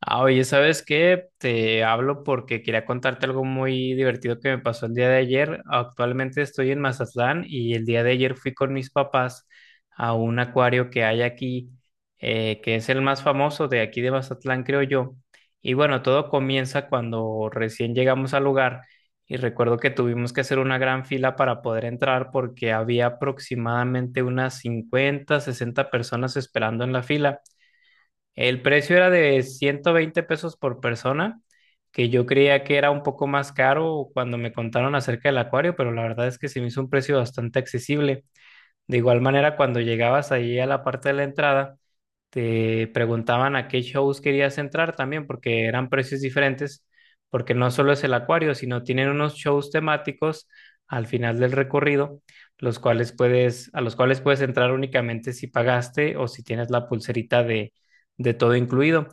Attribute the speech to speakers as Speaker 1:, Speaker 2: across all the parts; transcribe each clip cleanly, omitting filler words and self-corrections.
Speaker 1: Ah, oye, ¿sabes qué? Te hablo porque quería contarte algo muy divertido que me pasó el día de ayer. Actualmente estoy en Mazatlán y el día de ayer fui con mis papás a un acuario que hay aquí, que es el más famoso de aquí de Mazatlán, creo yo. Y bueno, todo comienza cuando recién llegamos al lugar y recuerdo que tuvimos que hacer una gran fila para poder entrar porque había aproximadamente unas 50, 60 personas esperando en la fila. El precio era de 120 pesos por persona, que yo creía que era un poco más caro cuando me contaron acerca del acuario, pero la verdad es que se me hizo un precio bastante accesible. De igual manera, cuando llegabas ahí a la parte de la entrada, te preguntaban a qué shows querías entrar también, porque eran precios diferentes, porque no solo es el acuario, sino tienen unos shows temáticos al final del recorrido, los cuales a los cuales puedes entrar únicamente si pagaste o si tienes la pulserita de todo incluido.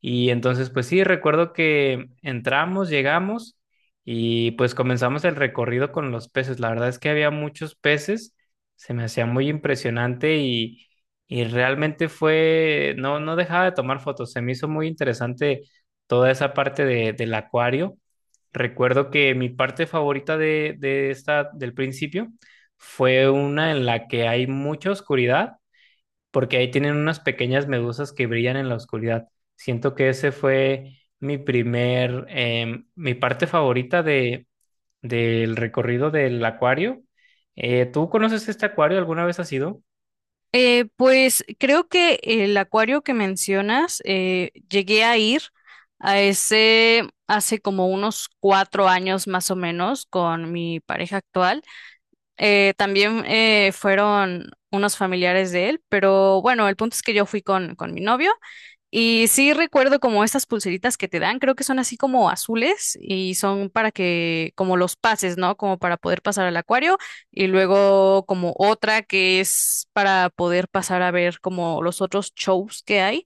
Speaker 1: Y entonces, pues sí, recuerdo que entramos, llegamos y pues comenzamos el recorrido con los peces. La verdad es que había muchos peces, se me hacía muy impresionante y realmente fue, no, no dejaba de tomar fotos, se me hizo muy interesante toda esa parte del acuario. Recuerdo que mi parte favorita de del principio fue una en la que hay mucha oscuridad, porque ahí tienen unas pequeñas medusas que brillan en la oscuridad. Siento que ese fue mi mi parte favorita del recorrido del acuario. ¿Tú conoces este acuario? ¿Alguna vez has ido?
Speaker 2: Pues creo que el acuario que mencionas, llegué a ir a ese hace como unos 4 años más o menos con mi pareja actual. También fueron unos familiares de él, pero bueno, el punto es que yo fui con mi novio y sí recuerdo como estas pulseritas que te dan, creo que son así como azules y son para que, como los pases, ¿no? Como para poder pasar al acuario y luego como otra que es para poder pasar a ver como los otros shows que hay.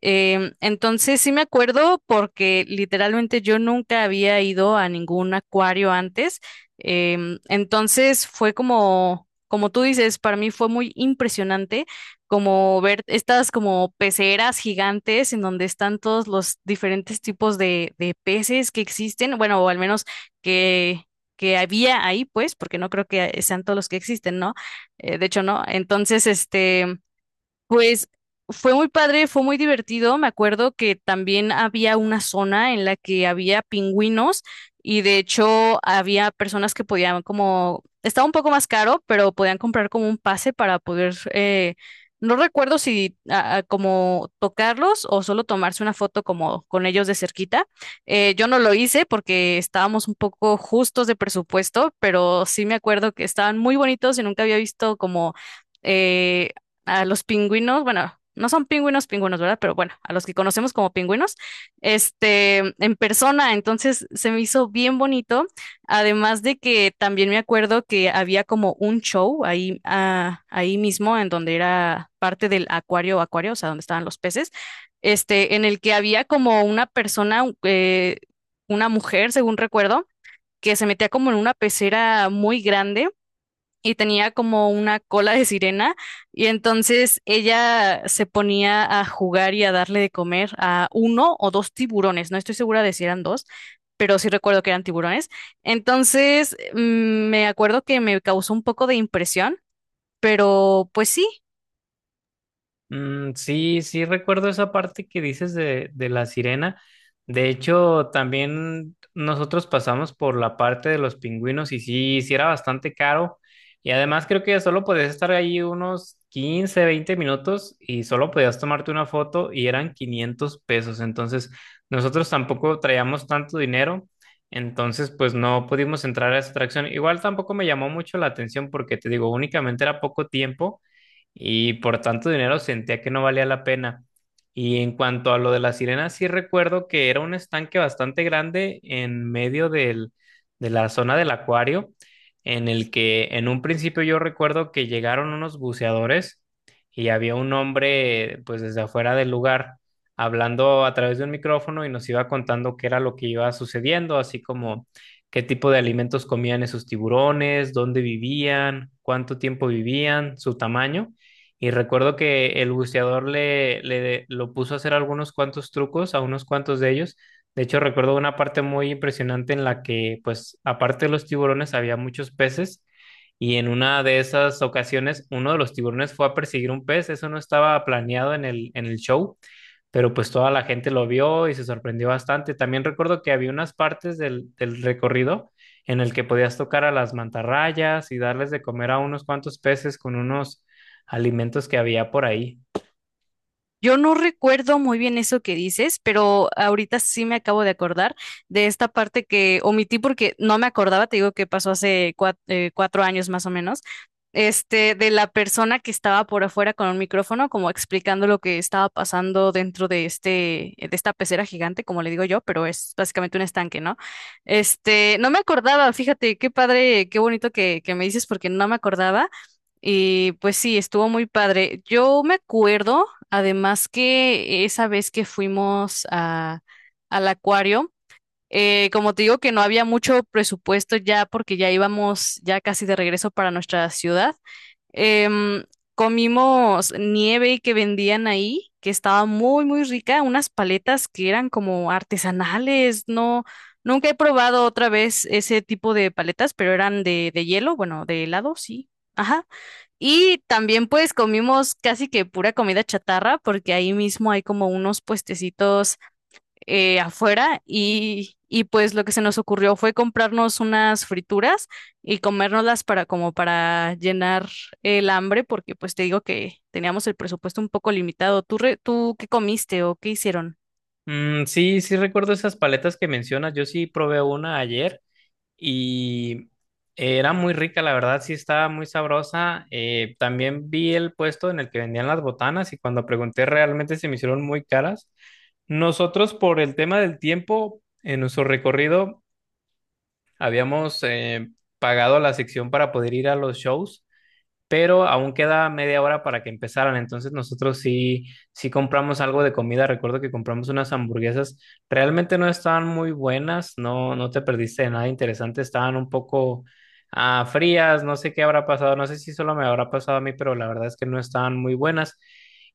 Speaker 2: Entonces sí me acuerdo porque literalmente yo nunca había ido a ningún acuario antes. Entonces fue como, como tú dices, para mí fue muy impresionante como ver estas como peceras gigantes en donde están todos los diferentes tipos de peces que existen, bueno, o al menos que, que había ahí, pues, porque no creo que sean todos los que existen, ¿no? De hecho, no. Entonces, este... pues fue muy padre, fue muy divertido. Me acuerdo que también había una zona en la que había pingüinos y de hecho había personas que podían como, estaba un poco más caro, pero podían comprar como un pase para poder, no recuerdo si como tocarlos o solo tomarse una foto como con ellos de cerquita. Yo no lo hice porque estábamos un poco justos de presupuesto, pero sí me acuerdo que estaban muy bonitos y nunca había visto como... eh, a los pingüinos, bueno, no son pingüinos, pingüinos, ¿verdad? Pero bueno, a los que conocemos como pingüinos, este, en persona, entonces se me hizo bien bonito, además de que también me acuerdo que había como un show ahí, ahí mismo, en donde era parte del acuario, o sea, donde estaban los peces, este, en el que había como una persona, una mujer, según recuerdo, que se metía como en una pecera muy grande y tenía como una cola de sirena y entonces ella se ponía a jugar y a darle de comer a uno o dos tiburones, no estoy segura de si eran dos, pero sí recuerdo que eran tiburones. Entonces me acuerdo que me causó un poco de impresión, pero pues sí.
Speaker 1: Sí, sí recuerdo esa parte que dices de la sirena. De hecho, también nosotros pasamos por la parte de los pingüinos y sí, sí era bastante caro. Y además creo que solo podías estar ahí unos 15, 20 minutos y solo podías tomarte una foto y eran 500 pesos. Entonces, nosotros tampoco traíamos tanto dinero. Entonces, pues no pudimos entrar a esa atracción. Igual tampoco me llamó mucho la atención porque te digo, únicamente era poco tiempo y por tanto dinero sentía que no valía la pena. Y en cuanto a lo de las sirenas, sí recuerdo que era un estanque bastante grande en medio de la zona del acuario, en el que en un principio yo recuerdo que llegaron unos buceadores y había un hombre pues desde afuera del lugar hablando a través de un micrófono y nos iba contando qué era lo que iba sucediendo, así como qué tipo de alimentos comían esos tiburones, dónde vivían, cuánto tiempo vivían, su tamaño. Y recuerdo que el buceador le, le lo puso a hacer algunos cuantos trucos a unos cuantos de ellos. De hecho, recuerdo una parte muy impresionante en la que, pues, aparte de los tiburones, había muchos peces. Y en una de esas ocasiones, uno de los tiburones fue a perseguir un pez. Eso no estaba planeado en el show, pero pues toda la gente lo vio y se sorprendió bastante. También recuerdo que había unas partes del recorrido en el que podías tocar a las mantarrayas y darles de comer a unos cuantos peces con unos alimentos que había por ahí.
Speaker 2: Yo no recuerdo muy bien eso que dices, pero ahorita sí me acabo de acordar de esta parte que omití porque no me acordaba, te digo que pasó hace 4 años más o menos, este, de la persona que estaba por afuera con un micrófono, como explicando lo que estaba pasando dentro de este, de esta pecera gigante, como le digo yo, pero es básicamente un estanque, ¿no? Este, no me acordaba, fíjate, qué padre, qué bonito que me dices porque no me acordaba. Y pues sí, estuvo muy padre. Yo me acuerdo además que esa vez que fuimos a, al acuario, como te digo que no había mucho presupuesto ya porque ya íbamos ya casi de regreso para nuestra ciudad, em, comimos nieve que vendían ahí, que estaba muy, muy rica, unas paletas que eran como artesanales, no, nunca he probado otra vez ese tipo de paletas, pero eran de hielo, bueno, de helado, sí. Ajá. Y también pues comimos casi que pura comida chatarra porque ahí mismo hay como unos puestecitos afuera y pues lo que se nos ocurrió fue comprarnos unas frituras y comérnoslas para como para llenar el hambre porque pues te digo que teníamos el presupuesto un poco limitado. ¿Tú, tú qué comiste o qué hicieron?
Speaker 1: Sí, sí recuerdo esas paletas que mencionas. Yo sí probé una ayer y era muy rica, la verdad, sí estaba muy sabrosa. También vi el puesto en el que vendían las botanas y cuando pregunté realmente se me hicieron muy caras. Nosotros por el tema del tiempo, en nuestro recorrido habíamos pagado la sección para poder ir a los shows, pero aún queda media hora para que empezaran. Entonces nosotros sí, sí compramos algo de comida. Recuerdo que compramos unas hamburguesas. Realmente no estaban muy buenas, no, no te perdiste de nada interesante. Estaban un poco frías, no sé qué habrá pasado, no sé si solo me habrá pasado a mí, pero la verdad es que no estaban muy buenas.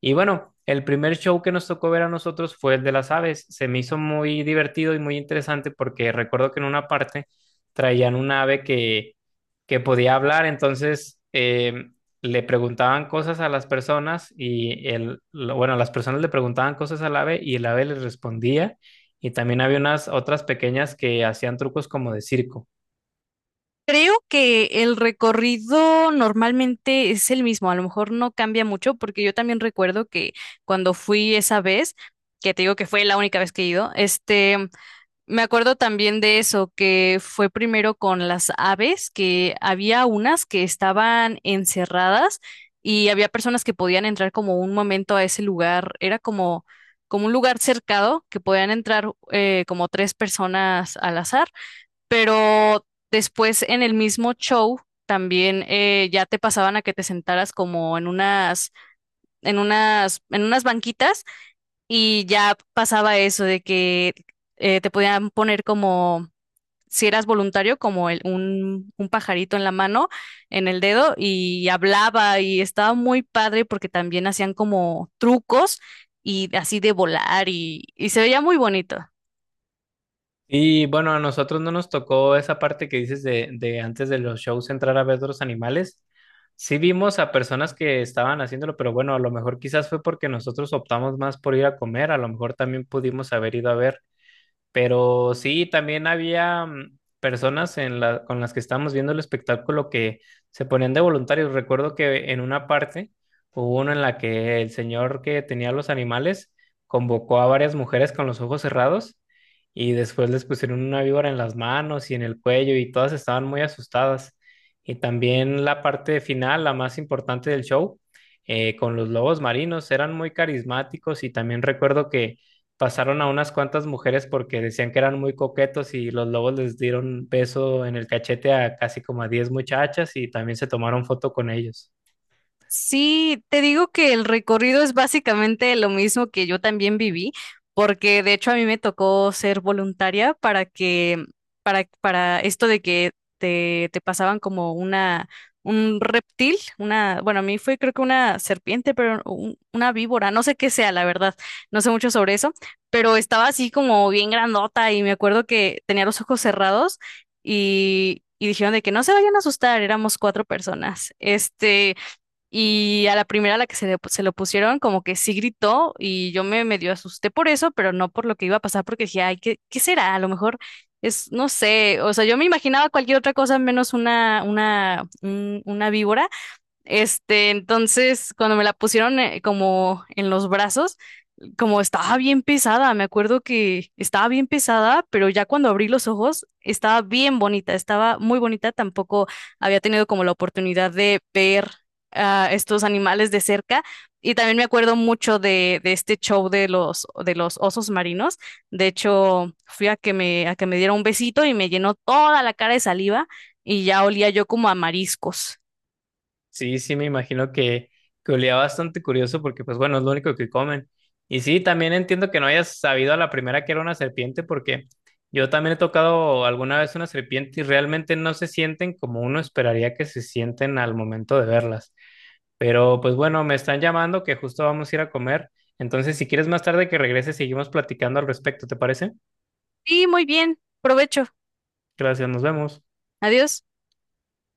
Speaker 1: Y bueno, el primer show que nos tocó ver a nosotros fue el de las aves. Se me hizo muy divertido y muy interesante porque recuerdo que en una parte traían una ave que podía hablar, entonces le preguntaban cosas a las personas y bueno, las personas le preguntaban cosas al ave y el ave les respondía y también había unas otras pequeñas que hacían trucos como de circo.
Speaker 2: Creo que el recorrido normalmente es el mismo, a lo mejor no cambia mucho, porque yo también recuerdo que cuando fui esa vez, que te digo que fue la única vez que he ido, este, me acuerdo también de eso, que fue primero con las aves, que había unas que estaban encerradas y había personas que podían entrar como un momento a ese lugar, era como, como un lugar cercado que podían entrar como tres personas al azar, pero después en el mismo show también ya te pasaban a que te sentaras como en unas, en unas banquitas y ya pasaba eso de que te podían poner como, si eras voluntario, como un pajarito en la mano, en el dedo y hablaba y estaba muy padre porque también hacían como trucos y así de volar y se veía muy bonito.
Speaker 1: Y bueno, a nosotros no nos tocó esa parte que dices de antes de los shows entrar a ver los animales. Sí vimos a personas que estaban haciéndolo, pero bueno, a lo mejor quizás fue porque nosotros optamos más por ir a comer, a lo mejor también pudimos haber ido a ver. Pero sí, también había personas en la, con las que estábamos viendo el espectáculo que se ponían de voluntarios. Recuerdo que en una parte hubo una en la que el señor que tenía los animales convocó a varias mujeres con los ojos cerrados y después les pusieron una víbora en las manos y en el cuello y todas estaban muy asustadas. Y también la parte final, la más importante del show, con los lobos marinos, eran muy carismáticos y también recuerdo que pasaron a unas cuantas mujeres porque decían que eran muy coquetos y los lobos les dieron beso en el cachete a casi como a 10 muchachas y también se tomaron foto con ellos.
Speaker 2: Sí, te digo que el recorrido es básicamente lo mismo que yo también viví, porque de hecho a mí me tocó ser voluntaria para que, para esto de que te pasaban como una, un reptil, una, bueno, a mí fue creo que una serpiente, pero una víbora, no sé qué sea, la verdad, no sé mucho sobre eso, pero estaba así como bien grandota y me acuerdo que tenía los ojos cerrados y dijeron de que no se vayan a asustar, éramos cuatro personas. Este. Y a la primera a la que se, se lo pusieron, como que sí gritó y yo me medio asusté por eso, pero no por lo que iba a pasar, porque dije, ay, ¿qué, qué será? A lo mejor es, no sé, o sea, yo me imaginaba cualquier otra cosa menos una víbora. Este, entonces, cuando me la pusieron como en los brazos, como estaba bien pesada, me acuerdo que estaba bien pesada, pero ya cuando abrí los ojos, estaba bien bonita, estaba muy bonita, tampoco había tenido como la oportunidad de ver a estos animales de cerca. Y también me acuerdo mucho de este show de los osos marinos. De hecho, fui a que me diera un besito y me llenó toda la cara de saliva y ya olía yo como a mariscos.
Speaker 1: Sí, sí, me imagino que olía bastante curioso porque pues bueno, es lo único que comen. Y sí, también entiendo que no hayas sabido a la primera que era una serpiente porque yo también he tocado alguna vez una serpiente y realmente no se sienten como uno esperaría que se sienten al momento de verlas. Pero pues bueno, me están llamando que justo vamos a ir a comer. Entonces, si quieres más tarde que regrese, seguimos platicando al respecto, ¿te parece?
Speaker 2: Sí, muy bien. Provecho.
Speaker 1: Gracias, nos vemos.
Speaker 2: Adiós.